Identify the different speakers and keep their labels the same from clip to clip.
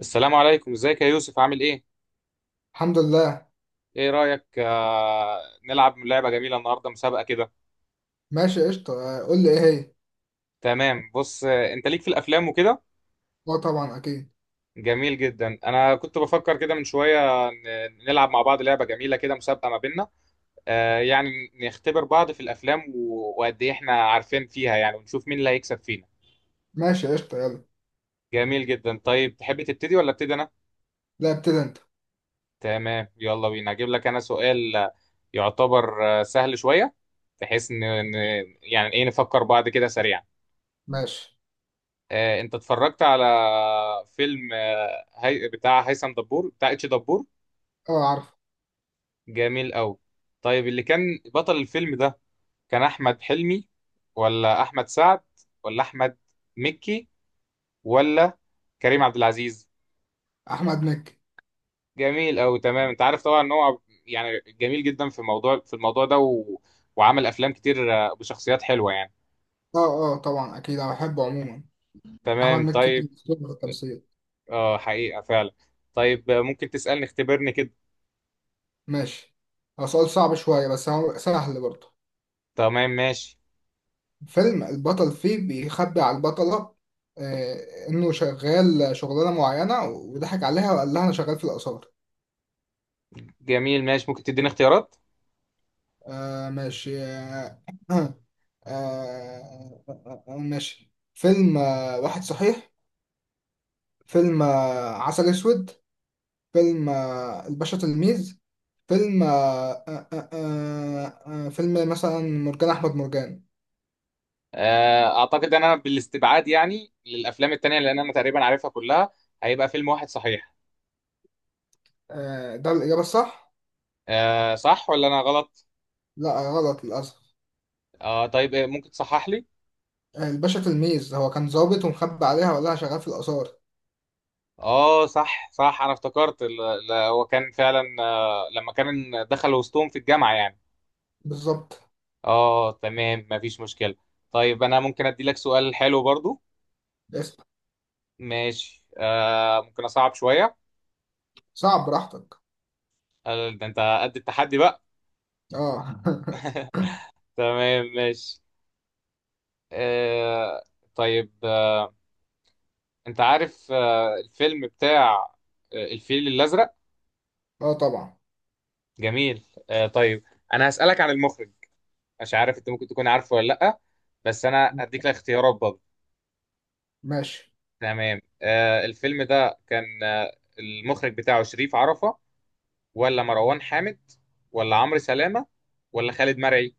Speaker 1: السلام عليكم، ازيك يا يوسف؟ عامل ايه؟
Speaker 2: الحمد لله.
Speaker 1: ايه رأيك؟ نلعب لعبة جميلة النهاردة، مسابقة كده.
Speaker 2: ماشي قشطة، قول لي ايه هي.
Speaker 1: تمام، بص، انت ليك في الافلام وكده.
Speaker 2: اه طبعا اكيد.
Speaker 1: جميل جدا. انا كنت بفكر كده من شوية، نلعب مع بعض لعبة جميلة كده، مسابقة ما بيننا. آه يعني نختبر بعض في الافلام، وقد ايه احنا عارفين فيها يعني، ونشوف مين اللي هيكسب فينا.
Speaker 2: ماشي قشطة يلا.
Speaker 1: جميل جدا. طيب تحب تبتدي ولا ابتدي انا؟
Speaker 2: لا ابتدي انت.
Speaker 1: تمام، يلا بينا. هجيب لك انا سؤال، يعتبر سهل شوية، بحيث ان يعني ايه، نفكر بعض كده سريعا.
Speaker 2: ماشي.
Speaker 1: انت اتفرجت على فيلم هي بتاع هيثم دبور، بتاع اتش دبور؟
Speaker 2: اه عارف.
Speaker 1: جميل قوي. طيب، اللي كان بطل الفيلم ده، كان احمد حلمي ولا احمد سعد ولا احمد مكي ولا كريم عبد العزيز؟
Speaker 2: احمد مكي.
Speaker 1: جميل قوي. تمام، انت عارف طبعا ان هو يعني جميل جدا في موضوع في الموضوع ده، وعمل افلام كتير بشخصيات حلوة يعني.
Speaker 2: اه اه، طبعا اكيد، انا بحبه عموما. احمد
Speaker 1: تمام
Speaker 2: مكي كان
Speaker 1: طيب.
Speaker 2: أسطورة في التمثيل.
Speaker 1: اه، حقيقة فعلا. طيب، ممكن تسألني، اختبرني كده.
Speaker 2: ماشي. هو سؤال صعب شوية بس هو سهل برضه.
Speaker 1: تمام ماشي.
Speaker 2: فيلم البطل فيه بيخبي على البطلة انه شغال شغلانة معينة وضحك عليها وقال لها انا شغال في الآثار.
Speaker 1: جميل، ماشي. ممكن تديني اختيارات؟
Speaker 2: ماشي. آه آه آه آه آه، ماشي، فيلم واحد صحيح. فيلم عسل أسود. فيلم الباشا تلميذ. فيلم آه آه آه آه آه، فيلم مثلا مرجان أحمد مرجان.
Speaker 1: اعتقد ان انا بالاستبعاد يعني للافلام التانية، لان انا تقريبا عارفها كلها، هيبقى فيلم واحد صحيح.
Speaker 2: ده الإجابة الصح؟
Speaker 1: صح ولا انا غلط؟
Speaker 2: لا غلط للأسف.
Speaker 1: طيب، ممكن تصحح لي.
Speaker 2: الباشا تلميذ هو كان ظابط ومخبي عليها ولا شغال في الآثار.
Speaker 1: اه صح صح، انا افتكرت هو كان فعلا، لما كان دخل وسطهم في الجامعة يعني.
Speaker 2: بالظبط.
Speaker 1: اه تمام، مفيش مشكلة. طيب انا ممكن ادي لك سؤال حلو برضو.
Speaker 2: اسم.
Speaker 1: ماشي، ممكن اصعب شوية.
Speaker 2: صعب براحتك.
Speaker 1: ده انت قد التحدي بقى.
Speaker 2: اه.
Speaker 1: تمام ماشي. آه، طيب، انت عارف الفيلم بتاع الفيل الازرق؟
Speaker 2: اه طبعا.
Speaker 1: جميل. طيب، انا هسالك عن المخرج، مش عارف انت ممكن تكون عارفه ولا لا، بس انا هديك الاختيارات برضه.
Speaker 2: ماشي.
Speaker 1: تمام، الفيلم ده كان المخرج بتاعه شريف عرفة ولا مروان حامد ولا عمرو سلامة ولا خالد مرعي؟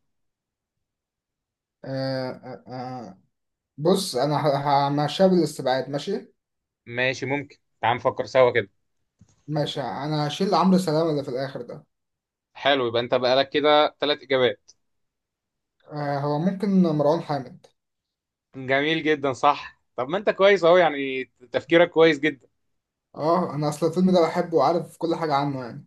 Speaker 2: آه آه آه. بص انا همشيها بالاستبعاد. ماشي.
Speaker 1: ماشي، ممكن تعال نفكر سوا كده.
Speaker 2: ماشي. انا هشيل عمرو سلامة اللي في الاخر ده.
Speaker 1: حلو، يبقى انت بقالك كده ثلاث اجابات.
Speaker 2: هو ممكن مروان حامد.
Speaker 1: جميل جدا صح. طب ما انت كويس اهو يعني، تفكيرك كويس جدا.
Speaker 2: اه، انا اصل الفيلم ده بحبه وعارف كل حاجة عنه يعني.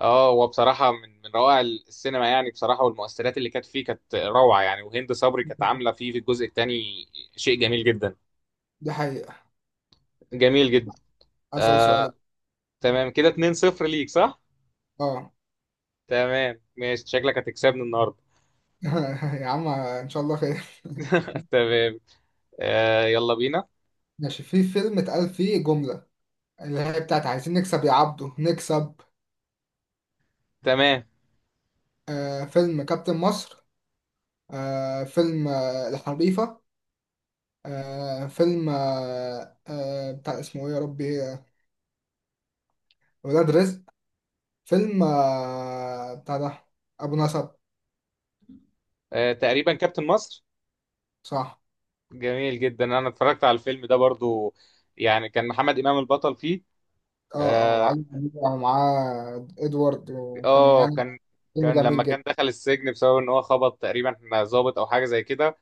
Speaker 1: اه هو بصراحة من روائع السينما يعني، بصراحة، والمؤثرات اللي كانت فيه كانت روعة يعني، وهند صبري كانت عاملة فيه في الجزء الثاني شيء جميل جدا.
Speaker 2: دي حقيقة.
Speaker 1: جميل جدا.
Speaker 2: اسأل
Speaker 1: آه
Speaker 2: سؤال.
Speaker 1: تمام، كده 2-0 ليك، صح؟
Speaker 2: اه.
Speaker 1: تمام ماشي، شكلك هتكسبني النهاردة.
Speaker 2: يا عم ان شاء الله خير.
Speaker 1: تمام. يلا بينا.
Speaker 2: ماشي، في فيلم اتقال فيه جملة اللي هي بتاعت عايزين نكسب يا عبده نكسب.
Speaker 1: تمام،
Speaker 2: فيلم كابتن مصر. فيلم الحريفة. فيلم بتاع اسمه ايه يا ربي، ولاد رزق. فيلم، بتاع ده أبو نسب.
Speaker 1: آه تقريبا كابتن مصر.
Speaker 2: صح.
Speaker 1: جميل جدا، انا اتفرجت على الفيلم ده برضو، يعني كان محمد إمام البطل فيه.
Speaker 2: اه اه،
Speaker 1: اه.
Speaker 2: وعلي. ومعاه إدوارد وكان
Speaker 1: آه،
Speaker 2: يعني
Speaker 1: كان
Speaker 2: فيلم
Speaker 1: كان لما
Speaker 2: جميل
Speaker 1: كان
Speaker 2: جدا.
Speaker 1: دخل السجن بسبب ان هو خبط تقريبا ضابط او حاجة زي كده،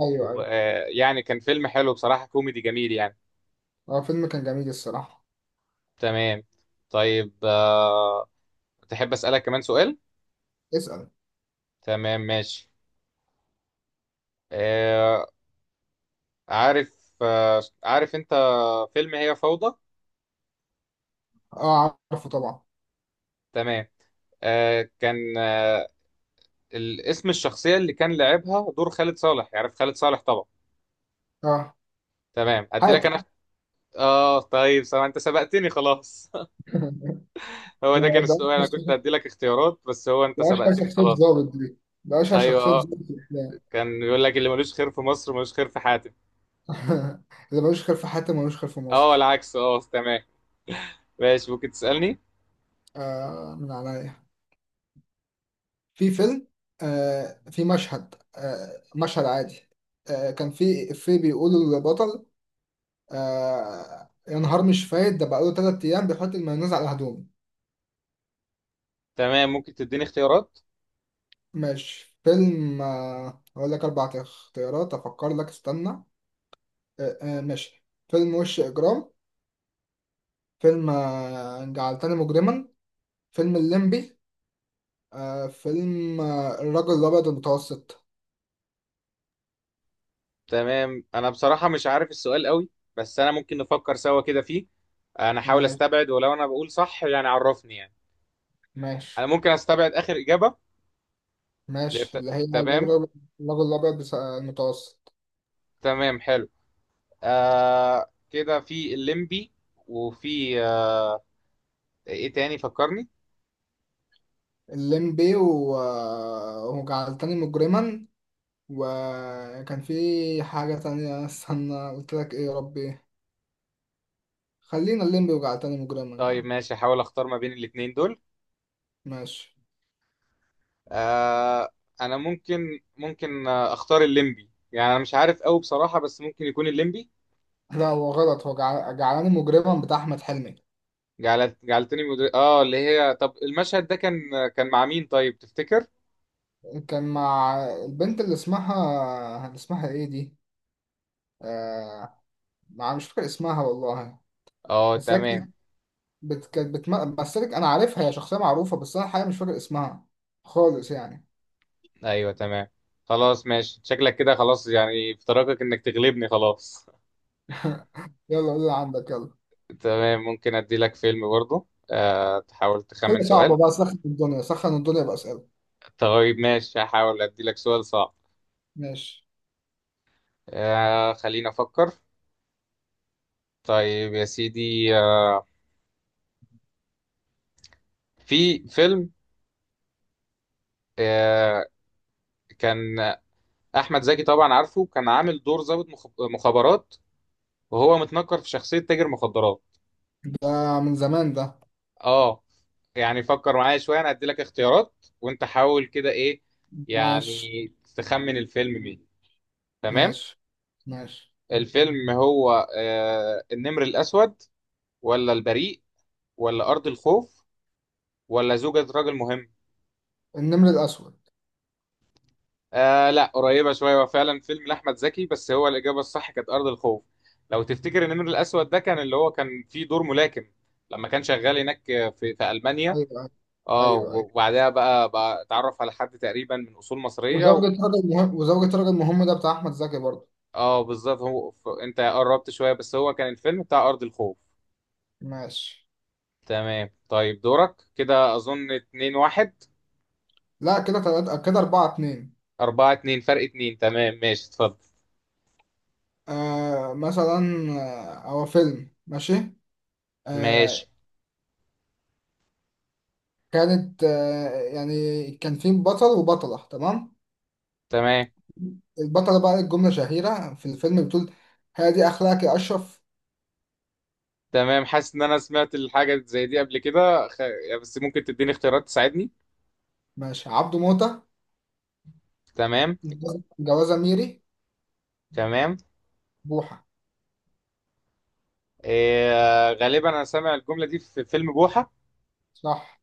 Speaker 2: أيوه أيوه.
Speaker 1: ويعني كان فيلم حلو بصراحة، كوميدي جميل يعني.
Speaker 2: اه فيلم كان جميل الصراحة.
Speaker 1: تمام. طيب، تحب أسألك كمان سؤال؟
Speaker 2: اسأل.
Speaker 1: تمام ماشي. آه، عارف، آه، عارف أنت فيلم هي فوضى؟
Speaker 2: اه عارفه طبعا.
Speaker 1: تمام. آه، كان آه، اسم الشخصية اللي كان لعبها دور خالد صالح، يعرف خالد صالح طبعا.
Speaker 2: اه.
Speaker 1: تمام، أدي لك
Speaker 2: حاتم.
Speaker 1: أنا. آه طيب، سواء أنت سبقتني خلاص. هو
Speaker 2: ده
Speaker 1: ده كان
Speaker 2: ده
Speaker 1: السؤال، أنا كنت أدي لك اختيارات، بس هو أنت
Speaker 2: ده أشهر
Speaker 1: سبقتني
Speaker 2: شخصية
Speaker 1: خلاص.
Speaker 2: ضابط دي، ده أشهر
Speaker 1: أيوه
Speaker 2: شخصية
Speaker 1: آه،
Speaker 2: ضابط في الأفلام.
Speaker 1: كان بيقول لك اللي ملوش خير في مصر ملوش خير في حاتم.
Speaker 2: اللي ملوش خير في حاتم ملوش خير في
Speaker 1: اه
Speaker 2: مصر.
Speaker 1: العكس، اه تمام. ماشي، ممكن تسألني.
Speaker 2: من عليا، في فيلم، في مشهد، مشهد عادي، كان في إفيه بيقوله للبطل: يا نهار مش فايت، ده بقاله تلات أيام بيحط المايونيز على هدومه.
Speaker 1: تمام، ممكن تديني اختيارات.
Speaker 2: ماشي، فيلم، هقول لك أربع اختيارات أفكر لك استنى. ماشي، فيلم وش إجرام. فيلم جعلتني مجرما. فيلم الليمبي. فيلم الرجل الأبيض المتوسط.
Speaker 1: تمام، انا بصراحة مش عارف السؤال قوي، بس انا ممكن نفكر سوا كده فيه. انا احاول
Speaker 2: ماشي،
Speaker 1: استبعد، ولو انا بقول صح يعني عرفني يعني. انا
Speaker 2: ماشي،
Speaker 1: ممكن استبعد اخر إجابة، اللي
Speaker 2: ماشي.
Speaker 1: بت-
Speaker 2: اللي هي
Speaker 1: تمام.
Speaker 2: الرجل، الرجل الأبيض المتوسط.
Speaker 1: تمام حلو. آه، كده في الليمبي، وفي آه ايه تاني؟ فكرني.
Speaker 2: الليمبي وجعلتني مجرما. وكان في حاجة تانية استنى، قلت لك ايه يا ربي. خلينا الليمبي وجعلتني مجرما
Speaker 1: طيب
Speaker 2: يعني.
Speaker 1: ماشي، احاول اختار ما بين الاتنين دول.
Speaker 2: ماشي.
Speaker 1: آه انا ممكن اختار الليمبي، يعني انا مش عارف قوي بصراحة، بس ممكن يكون الليمبي.
Speaker 2: لا هو غلط، هو جعلاني مجرما بتاع أحمد حلمي.
Speaker 1: جعلتني اه، اللي هي، طب المشهد ده كان كان مع مين طيب، تفتكر؟
Speaker 2: كان مع البنت اللي اسمها ايه دي. آه... مع مش فاكر اسمها والله.
Speaker 1: اه
Speaker 2: بس هي
Speaker 1: تمام.
Speaker 2: كانت بت... كانت بتم... بس هي- انا عارفها، هي شخصية معروفة بس انا الحقيقة مش فاكر اسمها خالص يعني.
Speaker 1: ايوه تمام، خلاص ماشي، شكلك كده خلاص يعني في طريقك انك تغلبني خلاص.
Speaker 2: يلا قول اللي عندك يلا.
Speaker 1: تمام، ممكن ادي لك فيلم برضه، آه تحاول تخمن
Speaker 2: أسئلة
Speaker 1: سؤال.
Speaker 2: صعبة بقى، سخن الدنيا سخن الدنيا بأسئلة.
Speaker 1: طيب ماشي، هحاول ادي لك سؤال صعب.
Speaker 2: ماشي.
Speaker 1: آه خلينا افكر. طيب يا سيدي، آه في فيلم، آه كان احمد زكي طبعا عارفه، كان عامل دور ضابط مخابرات، وهو متنكر في شخصية تاجر مخدرات.
Speaker 2: ده من زمان ده.
Speaker 1: اه يعني فكر معايا شويه، انا هدي لك اختيارات وانت حاول كده ايه يعني
Speaker 2: ماشي،
Speaker 1: تخمن الفيلم مين. تمام.
Speaker 2: ماشي، ماشي.
Speaker 1: الفيلم هو آه النمر الاسود، ولا البريء، ولا ارض الخوف، ولا زوجة رجل مهم؟
Speaker 2: النمر الأسود.
Speaker 1: آه لا، قريبه شويه، هو فعلا فيلم لاحمد زكي، بس هو الاجابه الصح كانت ارض الخوف. لو تفتكر النمر الاسود ده، كان اللي هو كان فيه دور ملاكم لما كان شغال هناك في المانيا.
Speaker 2: أيوه، أيوه،
Speaker 1: اه
Speaker 2: أيوه، أيوه.
Speaker 1: وبعدها بقى، اتعرف على حد تقريبا من اصول مصريه.
Speaker 2: وزوجة راجل مهم، وزوجة راجل مهم، ده بتاع أحمد زكي برضه.
Speaker 1: اه بالظبط، هو انت قربت شوية، بس هو كان الفيلم بتاع أرض الخوف.
Speaker 2: ماشي.
Speaker 1: تمام طيب، دورك كده أظن اتنين واحد.
Speaker 2: لا كده تلاتة، كده أربعة اتنين.
Speaker 1: أربعة اتنين، فرق اتنين، تمام ماشي اتفضل.
Speaker 2: مثلا، هو فيلم ماشي،
Speaker 1: ماشي.
Speaker 2: آه كانت، يعني كان في بطل وبطلة، تمام.
Speaker 1: تمام.
Speaker 2: البطلة بقى ليك جملة شهيرة في الفيلم بتقول: هادي أخلاقك يا أشرف.
Speaker 1: تمام، حاسس إن أنا سمعت الحاجة زي دي قبل كده، يعني، بس ممكن تديني اختيارات تساعدني.
Speaker 2: ماشي، عبده موتة.
Speaker 1: تمام.
Speaker 2: جوازة ميري.
Speaker 1: تمام.
Speaker 2: بوحة.
Speaker 1: غالبا أنا سامع الجملة دي في فيلم بوحة.
Speaker 2: صح.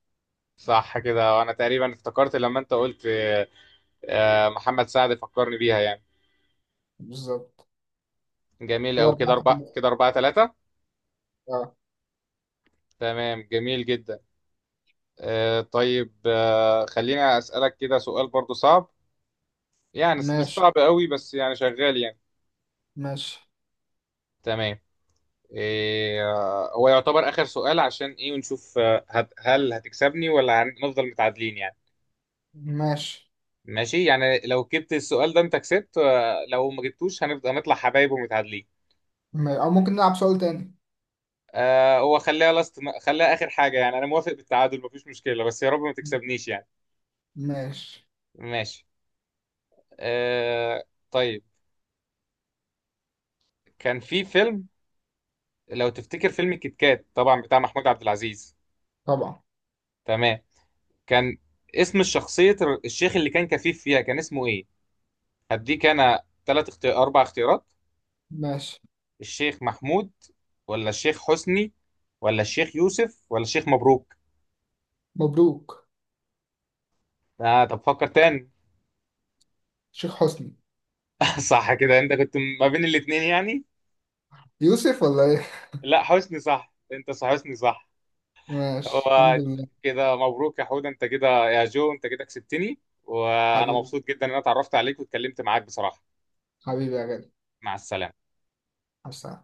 Speaker 1: صح كده، وأنا تقريبا افتكرت لما أنت قلت محمد سعد فكرني بيها يعني.
Speaker 2: بالظبط،
Speaker 1: جميل
Speaker 2: كده
Speaker 1: أوي، كده
Speaker 2: أربعة.
Speaker 1: أربعة كده أربعة تلاتة.
Speaker 2: اه.
Speaker 1: تمام جميل جدا. آه طيب، آه خلينا أسألك كده سؤال برضو صعب، يعني مش
Speaker 2: ماشي،
Speaker 1: صعب قوي بس يعني شغال يعني.
Speaker 2: ماشي،
Speaker 1: تمام. إيه، هو يعتبر آخر سؤال عشان إيه، ونشوف هل هتكسبني ولا هنفضل متعادلين يعني.
Speaker 2: ماشي.
Speaker 1: ماشي يعني، لو جبت السؤال ده أنت كسبت، لو ما جبتوش هنفضل هنطلع حبايب ومتعادلين.
Speaker 2: او ممكن نلعب سؤال تاني.
Speaker 1: آه، هو خليها آخر حاجة يعني، أنا موافق بالتعادل مفيش مشكلة، بس يا رب ما تكسبنيش يعني.
Speaker 2: ماشي.
Speaker 1: ماشي. آه طيب، كان في فيلم، لو تفتكر فيلم كيت كات طبعا بتاع محمود عبد العزيز.
Speaker 2: طبعا.
Speaker 1: تمام. كان اسم الشخصية، الشيخ اللي كان كفيف فيها، كان اسمه ايه؟ هديك انا ثلاث اختيار اربع اختيارات.
Speaker 2: ماشي.
Speaker 1: الشيخ محمود، ولا الشيخ حسني، ولا الشيخ يوسف، ولا الشيخ مبروك؟
Speaker 2: مبروك.
Speaker 1: آه طب فكر تاني.
Speaker 2: شيخ حسني.
Speaker 1: صح كده، انت كنت ما بين الاتنين يعني.
Speaker 2: يوسف ولا ايه.
Speaker 1: لا حسني صح، انت صح، حسني صح.
Speaker 2: ماشي، الحمد
Speaker 1: هو
Speaker 2: لله.
Speaker 1: كده مبروك يا حود، انت كده يا جو، انت كده كسبتني، وانا
Speaker 2: حبيبي،
Speaker 1: مبسوط جدا ان انا اتعرفت عليك واتكلمت معاك بصراحة.
Speaker 2: حبيبي يا غالي.
Speaker 1: مع السلامة.
Speaker 2: حسن.